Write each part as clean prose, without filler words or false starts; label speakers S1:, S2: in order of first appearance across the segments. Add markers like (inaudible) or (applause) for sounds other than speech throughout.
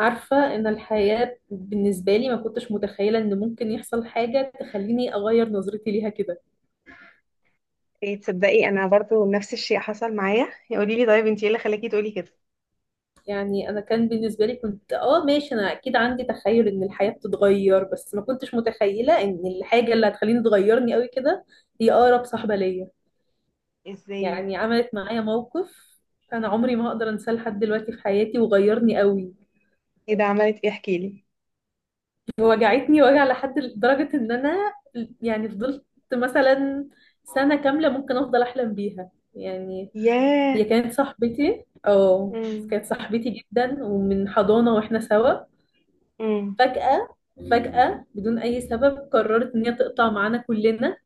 S1: عارفة إن الحياة بالنسبة لي ما كنتش متخيلة إن ممكن يحصل حاجة تخليني أغير نظرتي ليها كده.
S2: إيه، تصدقي انا برضو نفس الشيء حصل معايا، يقولي لي طيب انتي ايه اللي خلاكي تقولي كده؟
S1: يعني أنا كان بالنسبة لي كنت ماشي، أنا أكيد عندي تخيل إن الحياة بتتغير، بس ما كنتش متخيلة إن الحاجة اللي هتخليني تغيرني قوي كده. هي أقرب صاحبة ليا.
S2: ازاي؟
S1: يعني عملت معايا موقف أنا عمري ما هقدر أنساه لحد دلوقتي في حياتي، وغيرني قوي.
S2: ايه ده؟ عملت ايه؟ احكي لي.
S1: وجعتني وجع لدرجة إن أنا يعني فضلت مثلا سنة كاملة ممكن أفضل أحلم بيها يعني.
S2: ياه.
S1: هي كانت صاحبتي،
S2: امم.
S1: كانت صاحبتي جدا، ومن حضانة واحنا سوا.
S2: امم.
S1: فجأة مم. فجأة بدون أي سبب قررت إن هي تقطع معانا كلنا،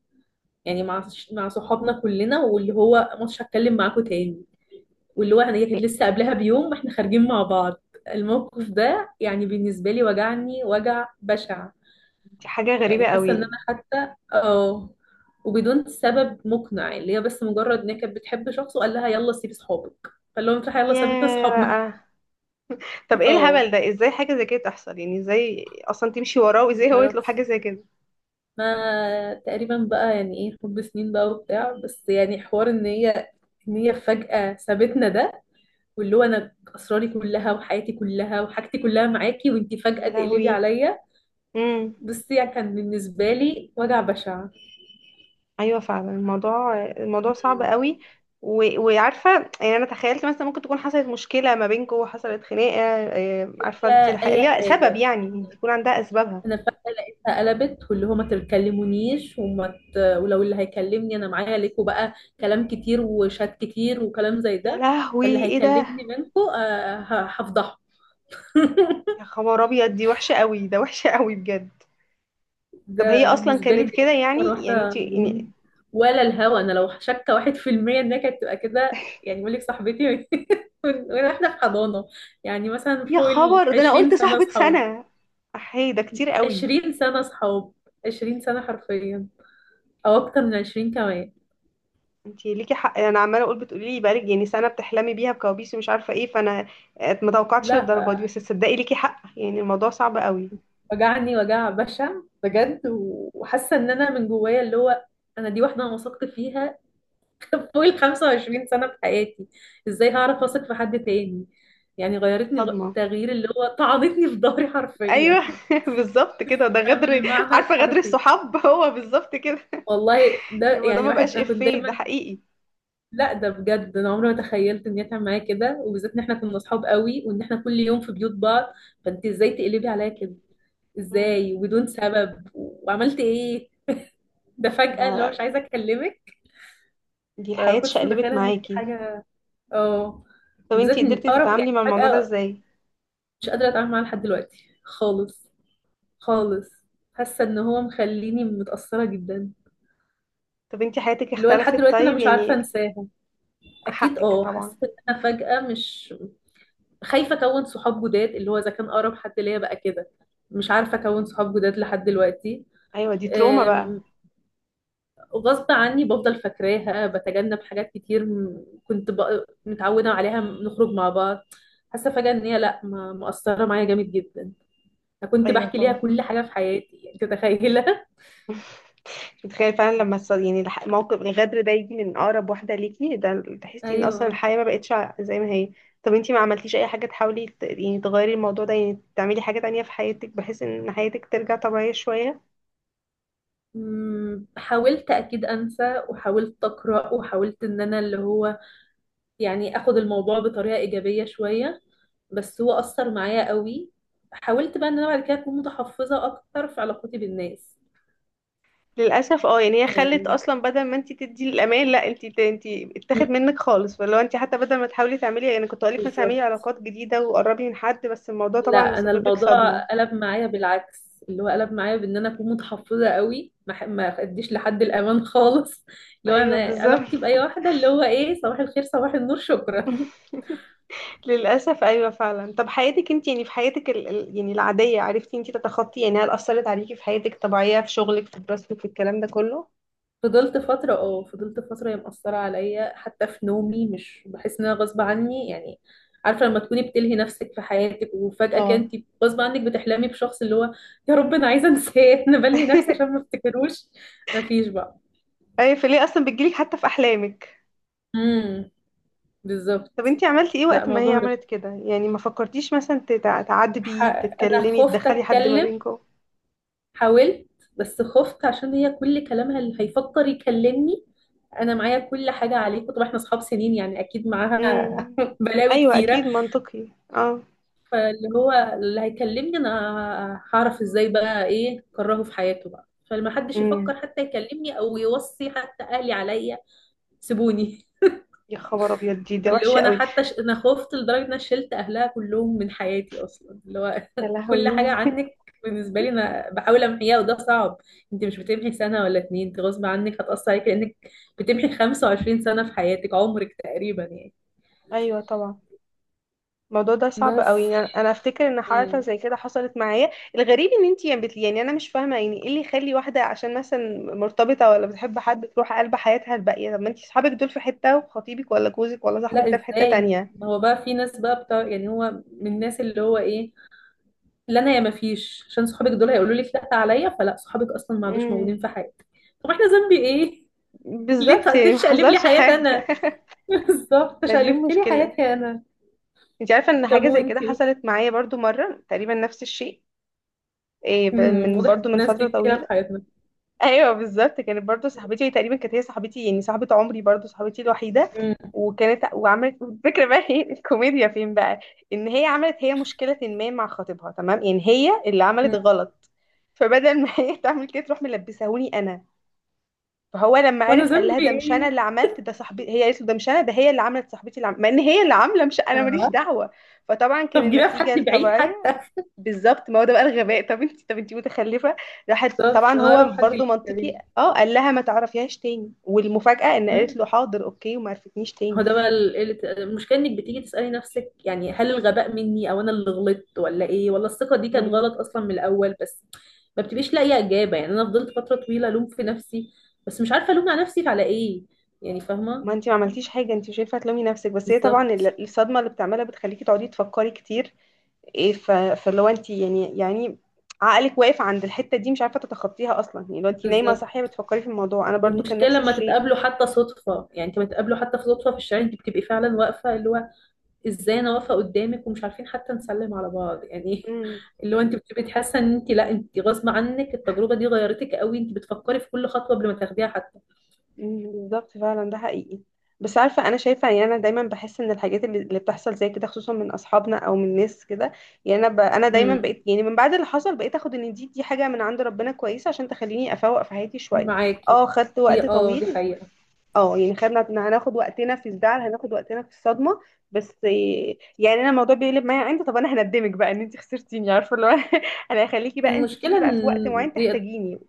S1: يعني مع صحابنا كلنا، واللي هو مش هتكلم معاكوا تاني. واللي هو هي كانت
S2: إيه،
S1: لسه قبلها بيوم واحنا خارجين مع بعض. الموقف ده يعني بالنسبة لي وجعني وجع بشع.
S2: دي حاجه
S1: يعني
S2: غريبه
S1: حاسة إن
S2: قوي.
S1: أنا حتى وبدون سبب مقنع، اللي هي بس مجرد إن هي كانت بتحب شخص وقال لها يلا سيبي صحابك، فاللي هو يلا سابت
S2: ياه
S1: صحابنا.
S2: بقى. طب ايه الهبل
S1: اه،
S2: ده؟ ازاي حاجه زي كده تحصل يعني؟ ازاي اصلا تمشي وراه؟ وازاي هو يطلب
S1: معرفش.
S2: حاجه زي كده؟
S1: ما تقريبا بقى يعني ايه، حب سنين بقى وبتاع، بس يعني حوار ان هي فجأة سابتنا ده. واللي هو انا اسراري كلها وحياتي كلها وحاجتي كلها معاكي، وانتي فجأة
S2: يا
S1: تقلبي
S2: لهوي.
S1: عليا.
S2: امم.
S1: بس يعني كان بالنسبة لي وجع بشع.
S2: ايوه فعلا، الموضوع صعب
S1: مم.
S2: قوي. و... وعارفه، يعني انا تخيلت مثلا ممكن تكون حصلت مشكله ما بينكم، حصلت خناقه. إيه، عارفه انت
S1: ولا اي
S2: ليها سبب
S1: حاجة.
S2: يعني، يكون عندها اسبابها.
S1: انا فجأة لقيتها قلبت، واللي هو ما تكلمونيش ولو اللي هيكلمني انا معايا ليكوا بقى كلام كتير وشات كتير وكلام زي
S2: يا
S1: ده. فاللي
S2: لهوي، ايه ده؟
S1: هيكلمني منكوا هفضحه. (laughs)
S2: يا خبر ابيض، دي وحشه قوي، ده وحشه قوي بجد. طب هي
S1: ده
S2: اصلا
S1: بالنسبة لي
S2: كانت
S1: دي
S2: كده
S1: اكتر
S2: يعني؟ يعني
S1: واحدة
S2: انت يعني...
S1: ولا الهوا، انا لو شاكة واحد في المية انها كانت تبقى كده. يعني بقول لك صاحبتي. (laughs) احنا في حضانة، يعني مثلا
S2: يا
S1: فوق ال
S2: خبر، ده انا
S1: 20
S2: قلت
S1: سنة
S2: صاحبه
S1: صحاب،
S2: سنه؟ احي، ده كتير قوي.
S1: 20 سنة صحاب، 20 سنة حرفيا، او اكتر من 20 كمان.
S2: انت ليكي حق، انا عماله اقول بتقولي لي بقالك يعني سنه بتحلمي بيها بكوابيس ومش عارفه ايه، فانا آه، ما توقعتش
S1: لا
S2: للدرجه دي،
S1: آه،
S2: بس تصدقي ليكي حق، يعني الموضوع صعب قوي.
S1: وجعني وجع بشع بجد، و- وحاسه ان انا من جوايا اللي هو، انا دي واحده انا وثقت فيها (laughs) فوق ال 25 سنه في حياتي. ازاي هعرف اثق في حد تاني؟ يعني غيرتني
S2: صدمه.
S1: تغيير، اللي هو طعنتني في ظهري حرفيا.
S2: ايوه. (laughs) بالظبط كده، ده
S1: (laughs) ده
S2: غدر.
S1: بالمعنى
S2: عارفه، غدر
S1: الحرفي.
S2: الصحاب (laughs) هو بالظبط كده.
S1: والله،
S2: يعني
S1: ده
S2: الموضوع
S1: يعني
S2: ما
S1: واحد
S2: بقاش
S1: انا كنت
S2: افيه، ده
S1: دايما.
S2: حقيقي.
S1: لا ده بجد، انا عمري ما تخيلت ان يتعب معايا كده، وبالذات ان احنا كنا اصحاب قوي وان احنا كل يوم في بيوت بعض. فانت ازاي تقلبي عليا كده؟
S2: مم.
S1: ازاي وبدون سبب وعملت ايه؟ (laughs) ده فجأة اللي هو مش
S2: ده
S1: عايزة أكلمك.
S2: دي
S1: فما
S2: الحياة
S1: كنتش
S2: اتشقلبت
S1: متخيلة إن في
S2: معاكي.
S1: حاجة. اه،
S2: طب
S1: بالذات
S2: انتي
S1: من
S2: قدرتي
S1: أقرب يعني
S2: تتعاملي مع الموضوع ده
S1: فجأة.
S2: ازاي؟
S1: مش قادرة أتعامل معاه لحد دلوقتي خالص، خالص. حاسة إن هو مخليني متأثرة جدا.
S2: طب انتي حياتك
S1: اللي هو لحد
S2: اختلفت
S1: دلوقتي أنا
S2: طيب،
S1: مش عارفة
S2: يعني...
S1: أنساه. أكيد
S2: حقك طبعا.
S1: حسيت إن أنا فجأة مش خايفة أكون صحاب جداد، اللي هو إذا كان أقرب حد ليا بقى كده، مش عارفة أكون صحاب جداد لحد دلوقتي.
S2: ايوه، دي تروما بقى.
S1: أم، غصب عني بفضل فاكراها، بتجنب حاجات كتير كنت متعودة عليها، نخرج مع بعض. حاسة فجأة ان هي لا ما- مؤثرة معايا جامد جدا. انا كنت
S2: ايوه
S1: بحكي ليها
S2: طبعا.
S1: كل حاجة في حياتي يعني تتخيلها.
S2: (laughs) متخيل فعلا لما يعني موقف الغدر ده يجي من اقرب واحده ليكي، ده
S1: (laughs)
S2: تحسي ان اصلا
S1: ايوه
S2: الحياه ما بقتش زي ما هي. طب انتي ما عملتيش اي حاجه تحاولي يعني تغيري الموضوع ده، يعني تعملي حاجه تانية في حياتك، بحيث ان حياتك ترجع طبيعيه شويه؟
S1: حاولت اكيد انسى، وحاولت اقرا، وحاولت ان انا اللي هو يعني اخد الموضوع بطريقه ايجابيه شويه، بس هو اثر معايا قوي. حاولت بقى ان انا بعد كده اكون متحفظه اكتر في علاقتي بالناس.
S2: للاسف اه، يعني هي خلت
S1: يعني
S2: اصلا بدل ما انت تدي الامان، لا انت اتاخد
S1: أمم،
S2: منك خالص، فلو انت حتى بدل ما تحاولي تعملي، يعني كنت اقولك مثلا اعملي
S1: بالظبط.
S2: علاقات جديده وقربي من حد، بس الموضوع
S1: لا،
S2: طبعا
S1: انا
S2: مسبب لك
S1: الموضوع
S2: صدمه.
S1: قلب معايا بالعكس، اللي هو قلب معايا بان انا اكون متحفظه قوي، ما اديش لحد الامان (laughs) خالص. اللي هو
S2: ايوه
S1: انا
S2: بالظبط.
S1: علاقتي باي واحده اللي هو ايه، صباح الخير صباح النور شكرا. (laughs)
S2: (laughs) للاسف، ايوه فعلا، طب حياتك انت يعني في حياتك يعني العاديه، عرفتي انت تتخطي يعني؟ هل اثرت عليكي في حياتك الطبيعيه، في شغلك، في دراستك، في الكلام ده كله؟
S1: فضلت فتره هي مأثره عليا، حتى في نومي مش بحس ان انا غصب عني يعني. عارفه لما تكوني بتلهي نفسك في حياتك وفجاه
S2: اه.
S1: كنتي غصب عنك بتحلمي بشخص، اللي هو يا رب انا عايزه انساه. (laughs) انا بلهي نفسي عشان
S2: (laughs)
S1: ما افتكروش. مفيش بقى.
S2: ايوه، فليه اصلا بتجيلك حتى في احلامك؟
S1: امم بالظبط.
S2: طب انتي عملتي ايه
S1: لا
S2: وقت ما هي
S1: موضوع
S2: عملت كده؟ يعني ما فكرتيش مثلا
S1: ح...
S2: تعاتبي،
S1: انا
S2: تتكلمي،
S1: خفت
S2: تدخلي حد ما
S1: اتكلم.
S2: بينكم؟
S1: حاولت، بس خفت عشان هي كل كلامها اللي هيفكر يكلمني انا معايا كل حاجه عليك، طبعا احنا اصحاب سنين يعني اكيد معاها
S2: امم.
S1: (laughs) بلاوي
S2: ايوه اكيد
S1: كتيره.
S2: منطقي. اه.
S1: فاللي هو اللي هيكلمني انا، هعرف ازاي بقى ايه كرهه في حياته بقى، فلما حدش
S2: امم.
S1: يفكر حتى يكلمني او يوصي حتى اهلي عليا. سيبوني.
S2: يا خبر ابيض، ده
S1: اللي هو
S2: وحشه
S1: انا
S2: قوي.
S1: حتى انا خفت لدرجه ان انا شلت اهلها كلهم من حياتي اصلا، اللي هو
S2: يا
S1: (laughs) كل
S2: لهوي.
S1: حاجه
S2: (laughs)
S1: عنك. بالنسبه لي انا بحاول امحيها، وده صعب. انت مش بتمحي سنه ولا اتنين، انت غصب عنك هتاثر عليك لانك بتمحي 25 سنه في حياتك، عمرك تقريبا يعني.
S2: ايوه طبعا، الموضوع ده صعب
S1: بس
S2: قوي. انا افتكر ان حركه
S1: مم.
S2: زي كده حصلت معايا. الغريب ان انتي يعني يعني انا مش فاهمه يعني ايه اللي يخلي واحده عشان مثلا مرتبطه ولا بتحب حد تروح قلب حياتها الباقيه، طب ما انتي صحابك دول في حته، وخطيبك ولا جوزك ولا صاحبك
S1: لا،
S2: ده في حته
S1: ازاي؟
S2: تانية.
S1: هو بقى في ناس بقى بتاع يعني هو من الناس اللي هو ايه. لا انا يا ما فيش، عشان صحابك دول هيقولوا لك لا عليا، فلا صحابك اصلا ما عادوش
S2: امم.
S1: موجودين في حياتك. طب احنا ذنبي ايه؟ (laughs) ليه
S2: بالظبط يعني ما
S1: تقتلش قلب لي
S2: حصلش
S1: حياتي
S2: حاجة.
S1: انا،
S2: (laughs)
S1: بالظبط
S2: دي
S1: شقلبت لي
S2: مشكلة.
S1: حياتي انا.
S2: انت عارفة ان
S1: طب
S2: حاجة زي كده
S1: وانتي.
S2: حصلت معايا برضو مرة، تقريبا نفس الشيء. إيه، من
S1: واضح ان
S2: برضو من
S1: الناس
S2: فترة
S1: دي كتيره في
S2: طويلة.
S1: حياتنا.
S2: (laughs) ايوه بالظبط، كانت برضو صاحبتي، هي تقريبا كانت هي صاحبتي يعني صاحبة عمري، برضو صاحبتي الوحيدة.
S1: امم.
S2: وعملت الفكرة بقى، (laughs) هي الكوميديا فين بقى؟ ان هي عملت هي مشكلة ما مع خطيبها، تمام؟ يعني هي اللي عملت
S1: أمم.
S2: غلط. فبدل ما (laughs) هي تعمل كده، تروح ملبسهوني انا. فهو لما
S1: وانا
S2: عرف، قال لها
S1: ذنبي
S2: ده مش انا
S1: ايه؟
S2: اللي عملت، ده صاحبي. هي قالت له ده مش انا، ده هي اللي عملت، صاحبتي اللي عملت. مع ان هي اللي عامله مش انا، ماليش
S1: آه.
S2: دعوه. فطبعا كان
S1: طب جيبها في
S2: النتيجه
S1: حد بعيد
S2: الطبيعيه.
S1: حتى.
S2: بالظبط، ما هو ده بقى الغباء. طب انت متخلفه. راحت طبعا،
S1: بالظبط، انا
S2: هو
S1: اقرب حد
S2: برضو
S1: ليك يا
S2: منطقي
S1: بنتي.
S2: اه، قال لها ما تعرفيهاش تاني، والمفاجاه ان قالت
S1: أمم.
S2: له حاضر اوكي وما عرفتنيش
S1: هو
S2: تاني.
S1: ده بقى المشكله، انك بتيجي تسالي نفسك، يعني هل الغباء مني، او انا اللي غلطت ولا ايه، ولا الثقه دي كانت
S2: امم.
S1: غلط اصلا من الاول. بس ما بتبقيش لاقيه اجابه، يعني انا فضلت فتره طويله الوم في نفسي، بس مش عارفه الوم على نفسي على ايه. يعني فاهمه.
S2: ما انت ما عملتيش حاجه، انت مش هينفع تلومي نفسك، بس هي طبعا
S1: بالظبط،
S2: الصدمه اللي بتعملها بتخليكي تقعدي تفكري كتير. ايه، ف... فاللي هو انت يعني، يعني... عقلك واقف عند الحتة دي، مش عارفة تتخطيها اصلا، يعني لو انت نايمة
S1: بالظبط.
S2: صاحية بتفكري في الموضوع. انا برضو كان
S1: والمشكله
S2: نفس
S1: لما
S2: الشيء.
S1: تتقابلوا حتى صدفه، يعني انت بتقابلوا حتى في صدفه في الشارع، انت بتبقي فعلا واقفه اللي هو ازاي انا واقفه قدامك ومش عارفين حتى نسلم على بعض يعني.
S2: امم.
S1: (laughs) اللي هو انت بتبقي حاسه ان انت لا، انت غصب عنك التجربه دي غيرتك قوي، انت بتفكري في كل خطوه قبل ما تاخديها حتى.
S2: أمم، بالظبط فعلا، ده حقيقي. بس عارفة، انا شايفة يعني انا دايما بحس ان الحاجات اللي بتحصل زي كده خصوصا من اصحابنا او من ناس كده. يعني انا انا دايما
S1: امم
S2: بقيت يعني من بعد اللي حصل بقيت اخد ان دي حاجة من عند ربنا كويسة، عشان تخليني افوق في حياتي شوية.
S1: معاكي.
S2: اه، خدت
S1: هي
S2: وقت
S1: دي
S2: طويل.
S1: حقيقه.
S2: اه يعني، خدنا هناخد وقتنا في الزعل، هناخد وقتنا في الصدمة. بس إيه، يعني انا الموضوع بيقلب معايا انت، طب انا هندمك بقى ان انت خسرتيني، عارفة اللي هو. (laughs) انا هخليكي بقى انت تيجي
S1: المشكله
S2: بقى
S1: ان
S2: في وقت معين تحتاجيني.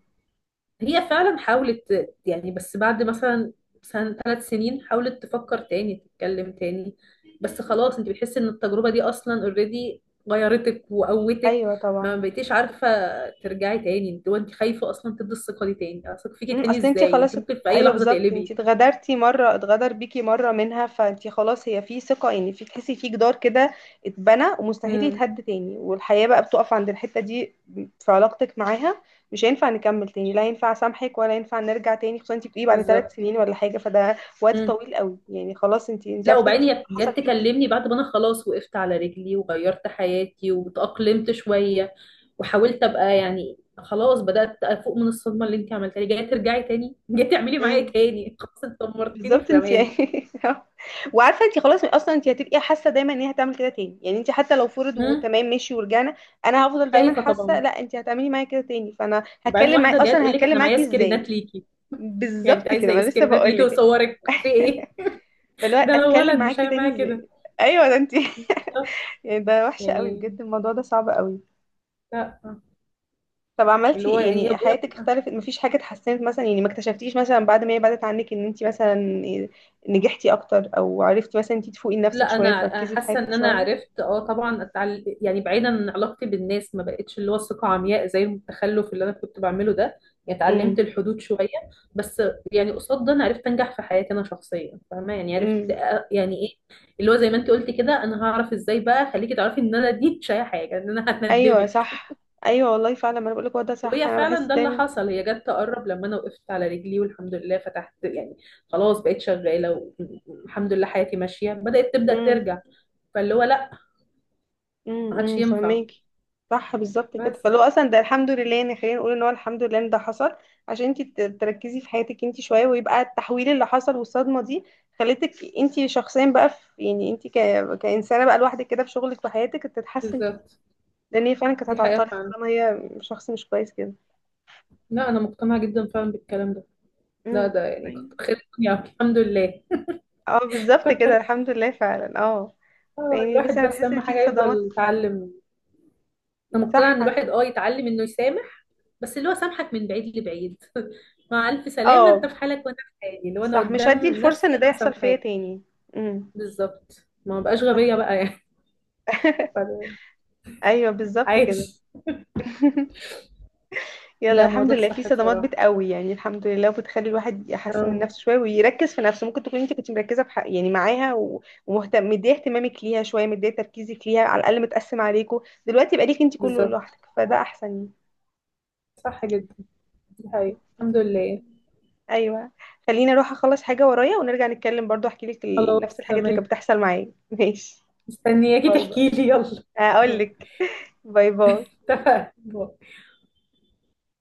S1: هي فعلا حاولت يعني، بس بعد مثلا سنة ثلاث سنين حاولت تفكر تاني تتكلم تاني، بس خلاص انت بتحسي ان التجربة دي اصلا اوريدي غيرتك وقوتك.
S2: ايوه
S1: ما
S2: طبعا.
S1: بقيتيش عارفة ترجعي تاني، انت وانت خايفة اصلا تدي الثقة دي تاني، اثق فيكي
S2: مم،
S1: تاني
S2: اصل انتي
S1: ازاي، انت
S2: خلاص
S1: ممكن في اي
S2: ايوه
S1: لحظة
S2: بالظبط، انتي
S1: تقلبي.
S2: اتغدرتي مره، اتغدر بيكي مره منها، فانتي خلاص هي في ثقه يعني، في تحسي في جدار كده اتبنى، ومستحيل
S1: مم.
S2: يتهد تاني، والحياه بقى بتقف عند الحته دي. في علاقتك معاها. مش هينفع نكمل تاني، لا ينفع اسامحك ولا ينفع نرجع تاني، خصوصا انتي بتقولي بعد ثلاث
S1: بالظبط.
S2: سنين ولا حاجه، فده وقت طويل قوي يعني، خلاص انتي
S1: لا،
S2: عارفه ثلاث
S1: وبعدين
S2: سنين
S1: هي
S2: دول حصل
S1: جت
S2: فيهم ايه.
S1: تكلمني بعد ما انا خلاص وقفت على رجلي وغيرت حياتي وتأقلمت شوية، وحاولت ابقى يعني خلاص بدأت افوق من الصدمة اللي انت عملتها لي. جاية ترجعي تاني (laughs) جاية تعملي معايا
S2: مم.
S1: تاني (laughs) خلاص انت دمرتني في
S2: بالظبط انت
S1: زمان.
S2: يعني... (laughs) وعارفه انت خلاص اصلا، انت هتبقي حاسه دايما ان هي هتعمل كده تاني يعني، انت حتى لو فرض
S1: مم.
S2: وتمام ماشي ورجعنا، انا هفضل دايما
S1: خايفة
S2: حاسه
S1: طبعا.
S2: لا انت هتعملي معايا كده تاني، فانا
S1: وبعدين
S2: هتكلم
S1: واحدة
S2: معاك
S1: جاية
S2: اصلا،
S1: تقول لك
S2: هتكلم
S1: انا معايا
S2: معاكي ازاي؟
S1: سكرينات ليكي. (laughs) يعني انت
S2: بالظبط
S1: عايزة
S2: كده، ما
S1: ايه،
S2: أنا لسه
S1: سكرينات
S2: بقول
S1: ليكي
S2: لك.
S1: وصورك في ايه؟
S2: (laughs) فاللي
S1: (laughs)
S2: هو
S1: ده لو
S2: اتكلم
S1: ولد مش
S2: معاكي
S1: هيعمل
S2: تاني
S1: معايا
S2: ازاي؟
S1: كده.
S2: ايوه ده انت.
S1: لا،
S2: (laughs) يعني ده وحشه قوي
S1: يعني
S2: بجد، الموضوع ده صعب قوي.
S1: لا.
S2: طب
S1: اللي
S2: عملتي
S1: هو
S2: إيه؟
S1: يعني
S2: يعني حياتك اختلفت؟ مفيش حاجة اتحسنت مثلا؟ يعني ما اكتشفتيش مثلا بعد ما هي بعدت عنك ان انت مثلا نجحتي اكتر، او عرفتي مثلا انت تفوقي لنفسك
S1: لا،
S2: شوية،
S1: انا
S2: تركزي في
S1: حاسه
S2: حياتك
S1: ان انا
S2: شوية؟
S1: عرفت طبعا يعني بعيدا عن علاقتي بالناس ما بقتش اللي هو الثقه عمياء زي التخلف اللي انا كنت بعمله ده، يعني اتعلمت
S2: امم.
S1: الحدود شويه. بس يعني قصاد ده انا عرفت انجح في حياتي انا شخصيا فاهمه، يعني عرفت
S2: امم.
S1: يعني ايه. اللي هو زي ما انت قلتي كده، انا هعرف ازاي بقى خليكي تعرفي ان انا دي مش اي حاجه، ان انا (laughs)
S2: ايوه
S1: هندمك.
S2: صح. ايوه والله فعلا، ما انا بقولك هو ده صح،
S1: وهي
S2: انا
S1: فعلا
S2: بحس
S1: ده اللي حصل، هي جت تقرب لما انا وقفت على رجلي والحمد لله، فتحت يعني خلاص، بقيت شغاله، والحمد لله حياتي ماشيه، تبدا
S2: دايما.
S1: ترجع. فاللي هو لا، ما عادش
S2: امم،
S1: ينفع.
S2: فهماكي. صح بالظبط كده،
S1: بس
S2: فلو اصلا ده الحمد لله، يعني خلينا نقول ان هو الحمد لله ان ده حصل، عشان انت تركزي في حياتك انت شويه، ويبقى التحويل اللي حصل والصدمه دي خلتك، انت شخصيا بقى في، يعني انت كانسانه بقى لوحدك كده، في شغلك وحياتك تتحسن كتير،
S1: بالظبط.
S2: لان هي فعلا كانت
S1: دي حقيقة
S2: هتعطلك،
S1: فعلا.
S2: طالما هي شخص مش كويس كده.
S1: لا، أنا مقتنعة جدا فعلا بالكلام ده. لا،
S2: امم.
S1: ده يعني كتر
S2: طيب.
S1: خير الدنيا الحمد لله.
S2: اه
S1: (laughs)
S2: بالظبط كده،
S1: كتر
S2: الحمد لله فعلا، اه.
S1: آه،
S2: يعني بس
S1: الواحد
S2: انا
S1: بس
S2: بحس
S1: أهم
S2: ان في
S1: حاجة
S2: صدمات.
S1: يفضل يتعلم. أنا مقتنعة
S2: صح.
S1: إن الواحد يتعلم إنه يسامح، بس اللي هو سامحك من بعيد لبعيد. (laughs) مع ألف سلامة، أنت
S2: اه
S1: في حالك وأنا في حالي، اللي هو أنا
S2: صح، مش هدي
S1: قدام
S2: الفرصه
S1: نفسي
S2: ان ده
S1: أنا
S2: يحصل فيا
S1: مسامحاك.
S2: تاني. امم.
S1: بالظبط، ما بقاش
S2: صح.
S1: غبية بقى يعني.
S2: (laughs)
S1: (laughs) فأنا
S2: ايوه بالظبط كده.
S1: عايش.
S2: (laughs) يلا
S1: لا، ما هو
S2: الحمد
S1: ده
S2: لله، في
S1: الصح
S2: صدمات
S1: بصراحة.
S2: بتقوي يعني، الحمد لله، وبتخلي الواحد يحسن من
S1: أه.
S2: نفسه شويه ويركز في نفسه، ممكن تكون انت كنت مركزه يعني معاها و- ومهتم، مديه اهتمامك ليها شويه، مديه تركيزك ليها، على الاقل متقسم عليكوا. دلوقتي يبقى ليك انت كله لوحدك،
S1: بالظبط،
S2: فده احسن يعني.
S1: صح جدا. دي حقيقة الحمد لله.
S2: ايوه، خليني اروح اخلص حاجه ورايا، ونرجع نتكلم برضو احكي لك
S1: خلاص
S2: نفس الحاجات اللي
S1: تمام.
S2: كانت بتحصل معايا. (laughs) ماشي؟
S1: مستنياكي
S2: باي باي.
S1: تحكي لي، يلا.
S2: اقول
S1: باي.
S2: لك. باي باي.
S1: اتفقنا باي.